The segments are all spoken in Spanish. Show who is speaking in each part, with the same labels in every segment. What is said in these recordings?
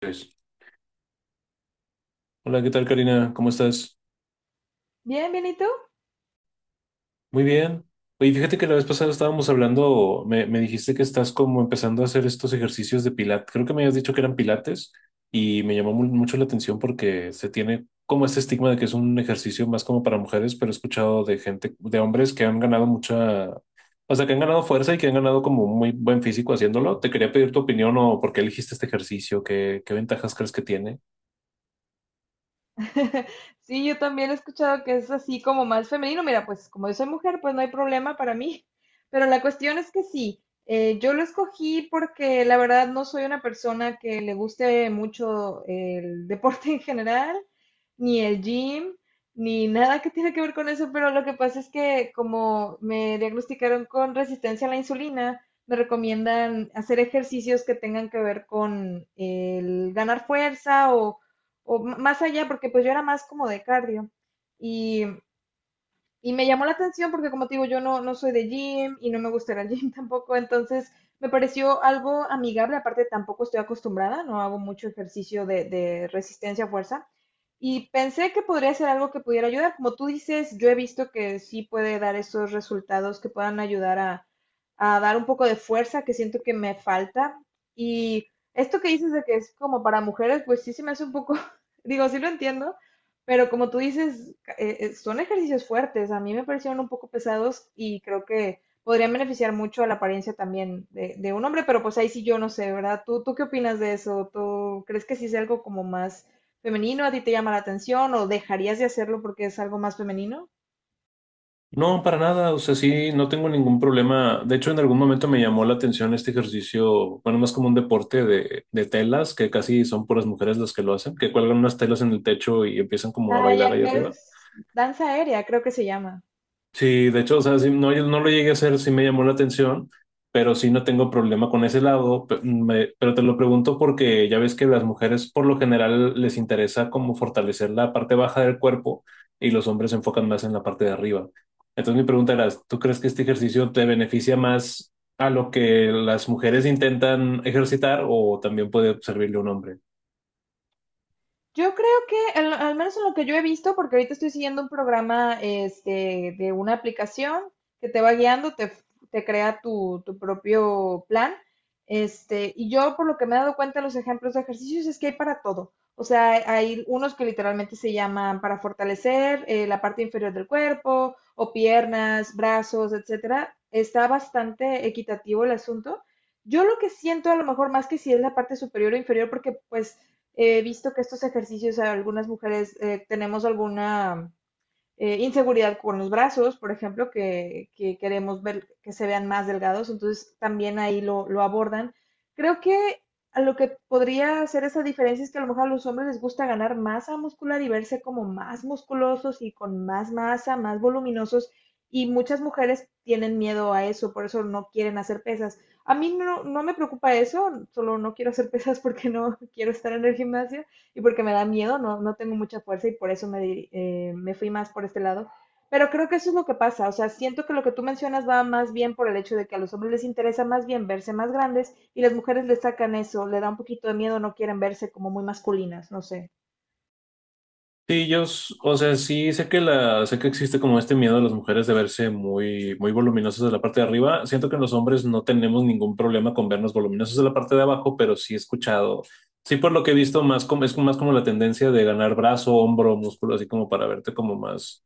Speaker 1: Pues, hola, ¿qué tal, Karina? ¿Cómo estás?
Speaker 2: Bien, bien, ¿y tú?
Speaker 1: Muy bien. Oye, fíjate que la vez pasada estábamos hablando, me dijiste que estás como empezando a hacer estos ejercicios de pilates. Creo que me habías dicho que eran pilates y me llamó mucho la atención porque se tiene como este estigma de que es un ejercicio más como para mujeres, pero he escuchado de gente, de hombres que han ganado mucha, o sea, que han ganado fuerza y que han ganado como muy buen físico haciéndolo. Te quería pedir tu opinión o por qué elegiste este ejercicio, qué ventajas crees que tiene.
Speaker 2: Sí, yo también he escuchado que es así como más femenino. Mira, pues como yo soy mujer, pues no hay problema para mí. Pero la cuestión es que sí, yo lo escogí porque la verdad no soy una persona que le guste mucho el deporte en general. Ni el gym, ni nada que tiene que ver con eso, pero lo que pasa es que como me diagnosticaron con resistencia a la insulina, me recomiendan hacer ejercicios que tengan que ver con el ganar fuerza o, más allá, porque pues yo era más como de cardio. Y, y me llamó la atención porque como te digo, yo no, no soy de gym y no me gusta ir al gym tampoco, entonces me pareció algo amigable. Aparte tampoco estoy acostumbrada, no hago mucho ejercicio de resistencia a fuerza. Y pensé que podría ser algo que pudiera ayudar. Como tú dices, yo he visto que sí puede dar esos resultados que puedan ayudar a dar un poco de fuerza que siento que me falta. Y esto que dices de que es como para mujeres, pues sí se me hace un poco, digo, sí lo entiendo, pero como tú dices, son ejercicios fuertes. A mí me parecieron un poco pesados y creo que podrían beneficiar mucho a la apariencia también de un hombre, pero pues ahí sí yo no sé, ¿verdad? Tú qué opinas de eso? ¿Tú crees que sí es algo como más femenino a ti te llama la atención o dejarías de hacerlo porque es algo más femenino?
Speaker 1: No, para nada, o sea, sí, no tengo ningún problema. De hecho, en algún momento me llamó la atención este ejercicio, bueno, más como un deporte de telas, que casi son puras mujeres las que lo hacen, que cuelgan unas telas en el techo y empiezan como a
Speaker 2: Ya,
Speaker 1: bailar
Speaker 2: ok.
Speaker 1: ahí arriba.
Speaker 2: Danza aérea, creo que se llama.
Speaker 1: Sí, de hecho, o sea, sí, no, yo no lo llegué a hacer, sí me llamó la atención, pero sí no tengo problema con ese lado. Pero te lo pregunto porque ya ves que las mujeres por lo general les interesa como fortalecer la parte baja del cuerpo y los hombres se enfocan más en la parte de arriba. Entonces mi pregunta era, ¿tú crees que este ejercicio te beneficia más a lo que las mujeres intentan ejercitar o también puede servirle a un hombre?
Speaker 2: Yo creo que, al menos en lo que yo he visto, porque ahorita estoy siguiendo un programa, este, de una aplicación que te va guiando, te crea tu propio plan. Este, y yo por lo que me he dado cuenta, los ejemplos de ejercicios es que hay para todo. O sea, hay unos que literalmente se llaman para fortalecer, la parte inferior del cuerpo, o piernas, brazos, etcétera. Está bastante equitativo el asunto. Yo lo que siento a lo mejor más que si es la parte superior o inferior, porque pues he visto que estos ejercicios, algunas mujeres, tenemos alguna, inseguridad con los brazos, por ejemplo, queremos ver que se vean más delgados, entonces también ahí lo abordan. Creo que a lo que podría hacer esa diferencia es que a lo mejor a los hombres les gusta ganar masa muscular y verse como más musculosos y con más masa, más voluminosos, y muchas mujeres tienen miedo a eso, por eso no quieren hacer pesas. A mí no, no me preocupa eso, solo no quiero hacer pesas porque no quiero estar en el gimnasio, y porque me da miedo, no, no tengo mucha fuerza y por eso me fui más por este lado. Pero creo que eso es lo que pasa, o sea, siento que lo que tú mencionas va más bien por el hecho de que a los hombres les interesa más bien verse más grandes y las mujeres les sacan eso, le da un poquito de miedo, no quieren verse como muy masculinas, no sé.
Speaker 1: Sí, o sea, sí sé que sé que existe como este miedo de las mujeres de verse muy, muy voluminosas de la parte de arriba. Siento que los hombres no tenemos ningún problema con vernos voluminosos de la parte de abajo, pero sí he escuchado, sí por lo que he visto más como, es más como la tendencia de ganar brazo, hombro, músculo, así como para verte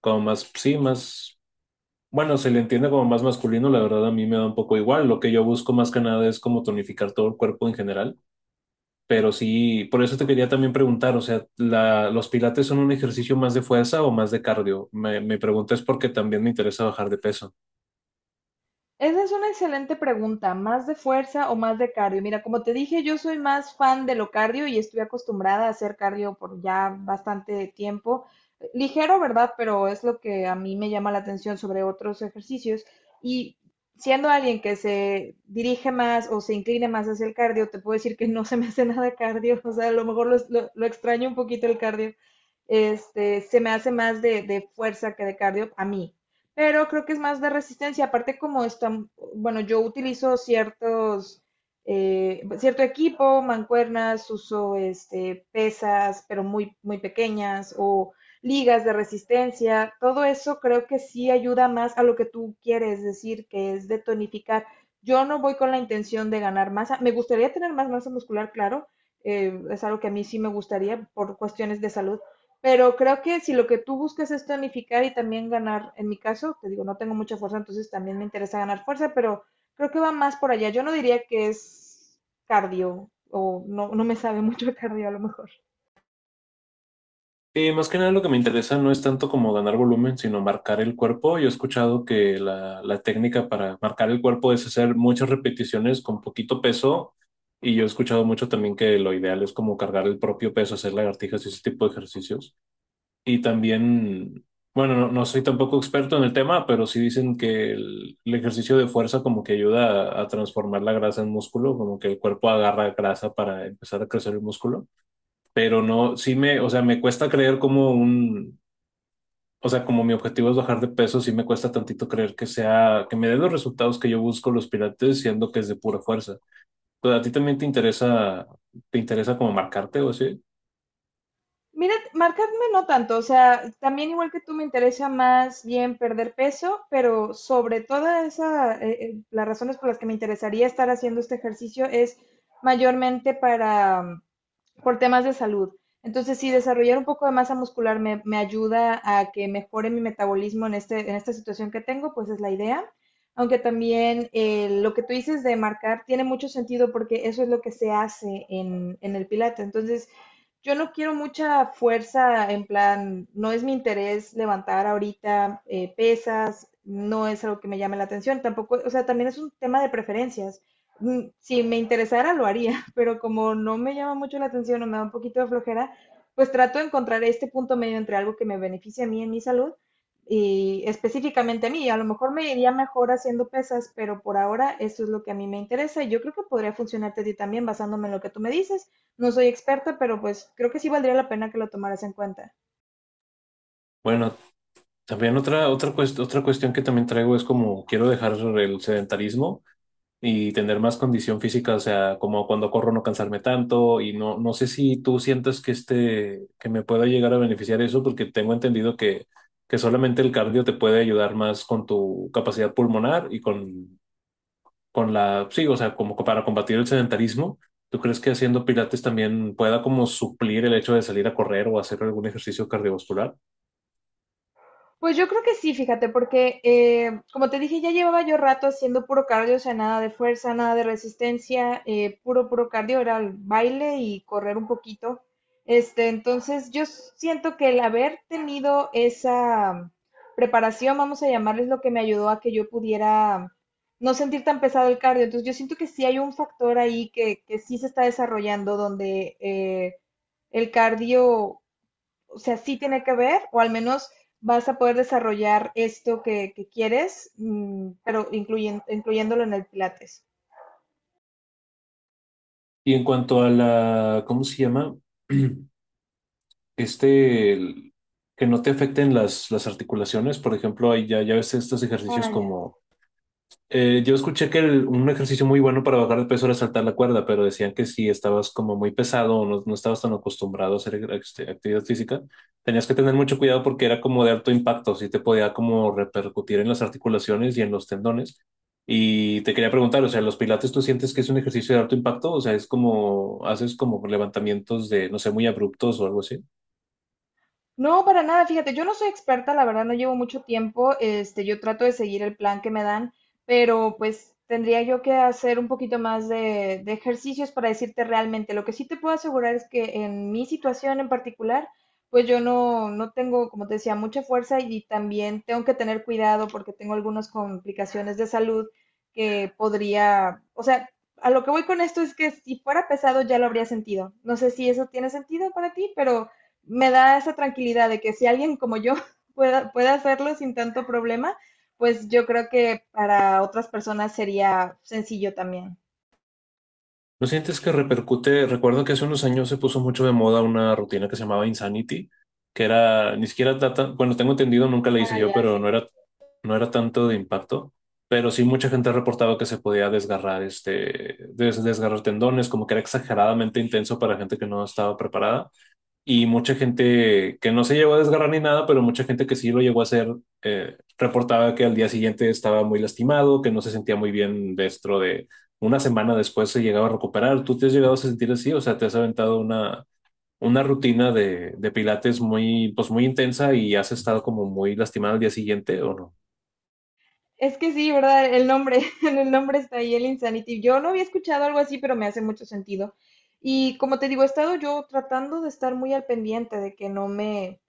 Speaker 1: como más, sí, más, bueno, se le entiende como más masculino. La verdad a mí me da un poco igual. Lo que yo busco más que nada es como tonificar todo el cuerpo en general. Pero sí, por eso te quería también preguntar, o sea, ¿los pilates son un ejercicio más de fuerza o más de cardio? Me pregunto es porque también me interesa bajar de peso.
Speaker 2: Esa es una excelente pregunta, ¿más de fuerza o más de cardio? Mira, como te dije, yo soy más fan de lo cardio y estoy acostumbrada a hacer cardio por ya bastante tiempo. Ligero, ¿verdad? Pero es lo que a mí me llama la atención sobre otros ejercicios. Y siendo alguien que se dirige más o se incline más hacia el cardio, te puedo decir que no se me hace nada cardio. O sea, a lo mejor lo extraño un poquito el cardio. Este, se me hace más de fuerza que de cardio a mí, pero creo que es más de resistencia. Aparte, como están, bueno, yo utilizo ciertos, cierto equipo, mancuernas, uso este, pesas, pero muy pequeñas, o ligas de resistencia, todo eso creo que sí ayuda más a lo que tú quieres decir, que es de tonificar. Yo no voy con la intención de ganar masa, me gustaría tener más masa muscular, claro, es algo que a mí sí me gustaría por cuestiones de salud, pero creo que si lo que tú buscas es tonificar y también ganar, en mi caso, te digo, no tengo mucha fuerza, entonces también me interesa ganar fuerza, pero creo que va más por allá. Yo no diría que es cardio o no, no me sabe mucho de cardio a lo mejor.
Speaker 1: Y más que nada lo que me interesa no es tanto como ganar volumen, sino marcar el cuerpo. Yo he escuchado que la técnica para marcar el cuerpo es hacer muchas repeticiones con poquito peso. Y yo he escuchado mucho también que lo ideal es como cargar el propio peso, hacer lagartijas y ese tipo de ejercicios. Y también, bueno, no, no soy tampoco experto en el tema, pero sí dicen que el ejercicio de fuerza como que ayuda a transformar la grasa en músculo, como que el cuerpo agarra grasa para empezar a crecer el músculo. Pero no, sí me, o sea, me cuesta creer como un, o sea, como mi objetivo es bajar de peso, sí me cuesta tantito creer que sea, que me dé los resultados que yo busco los pilates, siendo que es de pura fuerza. Pues a ti también te interesa como marcarte o así.
Speaker 2: Mira, marcarme no tanto, o sea, también igual que tú me interesa más bien perder peso, pero sobre toda esa, las razones por las que me interesaría estar haciendo este ejercicio es mayormente para, por temas de salud. Entonces, sí, desarrollar un poco de masa muscular me ayuda a que mejore mi metabolismo en, este, en esta situación que tengo, pues es la idea. Aunque también, lo que tú dices de marcar tiene mucho sentido porque eso es lo que se hace en el pilates. Entonces, yo no quiero mucha fuerza en plan, no es mi interés levantar ahorita, pesas, no es algo que me llame la atención, tampoco, o sea, también es un tema de preferencias. Si me interesara lo haría, pero como no me llama mucho la atención o me da un poquito de flojera, pues trato de encontrar este punto medio entre algo que me beneficie a mí en mi salud y específicamente a mí. A lo mejor me iría mejor haciendo pesas, pero por ahora eso es lo que a mí me interesa y yo creo que podría funcionarte a ti también basándome en lo que tú me dices. No soy experta, pero pues creo que sí valdría la pena que lo tomaras en cuenta.
Speaker 1: Bueno, también otra cuestión que también traigo es como quiero dejar el sedentarismo y tener más condición física, o sea, como cuando corro no cansarme tanto y no, no sé si tú sientas que este, que me pueda llegar a beneficiar eso, porque tengo entendido que solamente el cardio te puede ayudar más con tu capacidad pulmonar y con la, sí, o sea, como para combatir el sedentarismo. ¿Tú crees que haciendo pilates también pueda como suplir el hecho de salir a correr o hacer algún ejercicio cardiovascular?
Speaker 2: Pues yo creo que sí, fíjate, porque, como te dije, ya llevaba yo rato haciendo puro cardio, o sea, nada de fuerza, nada de resistencia, puro cardio, era el baile y correr un poquito. Este, entonces yo siento que el haber tenido esa preparación, vamos a llamarles, lo que me ayudó a que yo pudiera no sentir tan pesado el cardio. Entonces yo siento que sí hay un factor ahí que sí se está desarrollando donde, el cardio, o sea, sí tiene que ver, o al menos vas a poder desarrollar esto que quieres, mm, pero incluyéndolo en el Pilates.
Speaker 1: Y en cuanto a la, ¿cómo se llama? Este, que no te afecten las articulaciones, por ejemplo, hay ya ves estos ejercicios
Speaker 2: Ah, ya.
Speaker 1: como yo escuché que un ejercicio muy bueno para bajar de peso era saltar la cuerda, pero decían que si estabas como muy pesado o no, no estabas tan acostumbrado a hacer este, actividad física, tenías que tener mucho cuidado porque era como de alto impacto, sí te podía como repercutir en las articulaciones y en los tendones. Y te quería preguntar, o sea, ¿los pilates tú sientes que es un ejercicio de alto impacto? O sea, es como, haces como levantamientos de, no sé, muy abruptos o algo así.
Speaker 2: No, para nada, fíjate, yo no soy experta, la verdad no llevo mucho tiempo, este, yo trato de seguir el plan que me dan, pero pues tendría yo que hacer un poquito más de ejercicios para decirte realmente. Lo que sí te puedo asegurar es que en mi situación en particular, pues yo no, no tengo, como te decía, mucha fuerza y también tengo que tener cuidado porque tengo algunas complicaciones de salud que podría, o sea, a lo que voy con esto es que si fuera pesado ya lo habría sentido. No sé si eso tiene sentido para ti, pero me da esa tranquilidad de que si alguien como yo puede hacerlo sin tanto problema, pues yo creo que para otras personas sería sencillo también.
Speaker 1: ¿No sientes que repercute? Recuerdo que hace unos años se puso mucho de moda una rutina que se llamaba Insanity, que era ni siquiera tata, bueno, tengo entendido, nunca la hice
Speaker 2: Ah,
Speaker 1: yo,
Speaker 2: ya,
Speaker 1: pero
Speaker 2: sí.
Speaker 1: no era, no era tanto de impacto. Pero sí mucha gente reportaba que se podía desgarrar este, desgarrar tendones, como que era exageradamente intenso para gente que no estaba preparada y mucha gente que no se llegó a desgarrar ni nada, pero mucha gente que sí lo llegó a hacer, reportaba que al día siguiente estaba muy lastimado, que no se sentía muy bien dentro de una semana después se llegaba a recuperar. ¿Tú te has llegado a sentir así? O sea, te has aventado una rutina de pilates muy, pues muy intensa y has estado como muy lastimado al día siguiente, ¿o no?
Speaker 2: Es que sí, ¿verdad? El nombre, en el nombre está ahí, el Insanity. Yo no había escuchado algo así, pero me hace mucho sentido. Y como te digo, he estado yo tratando de estar muy al pendiente de que no me,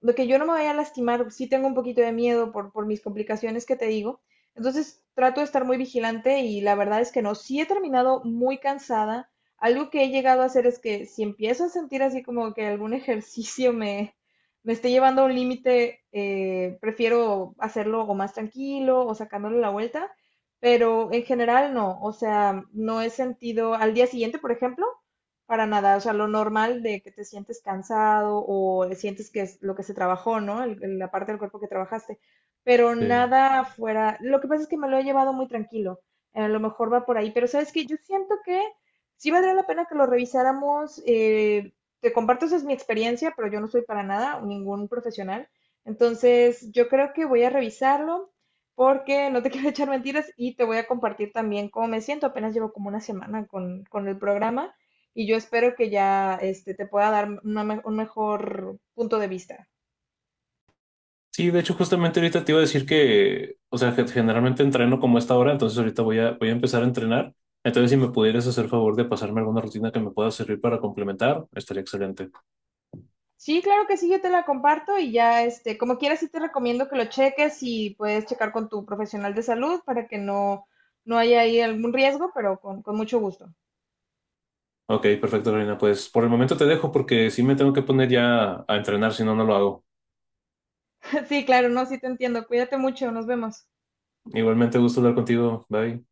Speaker 2: de que yo no me vaya a lastimar, sí tengo un poquito de miedo por mis complicaciones que te digo. Entonces trato de estar muy vigilante y la verdad es que no, sí he terminado muy cansada. Algo que he llegado a hacer es que si empiezo a sentir así como que algún me esté llevando a un límite, prefiero hacerlo o más tranquilo o sacándole la vuelta, pero en general no, o sea, no he sentido, al día siguiente, por ejemplo, para nada, o sea, lo normal de que te sientes cansado o sientes que es lo que se trabajó, ¿no? La parte del cuerpo que trabajaste, pero
Speaker 1: Sí.
Speaker 2: nada fuera. Lo que pasa es que me lo he llevado muy tranquilo. A lo mejor va por ahí, pero sabes que yo siento que sí valdría la pena que lo revisáramos. Eh, te comparto, esa es mi experiencia, pero yo no soy para nada ningún profesional. Entonces, yo creo que voy a revisarlo porque no te quiero echar mentiras y te voy a compartir también cómo me siento. Apenas llevo como una semana con el programa y yo espero que ya, este, te pueda dar un mejor punto de vista.
Speaker 1: Sí, de hecho, justamente ahorita te iba a decir que, o sea, que generalmente entreno como a esta hora, entonces ahorita voy a, voy a empezar a entrenar. Entonces, si me pudieras hacer favor de pasarme alguna rutina que me pueda servir para complementar, estaría excelente.
Speaker 2: Sí, claro que sí, yo te la comparto y ya, este, como quieras, sí te recomiendo que lo cheques y puedes checar con tu profesional de salud para que no, no haya ahí algún riesgo, pero con mucho gusto.
Speaker 1: Ok, perfecto, Karina. Pues por el momento te dejo porque sí me tengo que poner ya a entrenar, si no, no lo hago.
Speaker 2: Sí, claro, no, sí te entiendo. Cuídate mucho, nos vemos.
Speaker 1: Igualmente, gusto hablar contigo. Bye.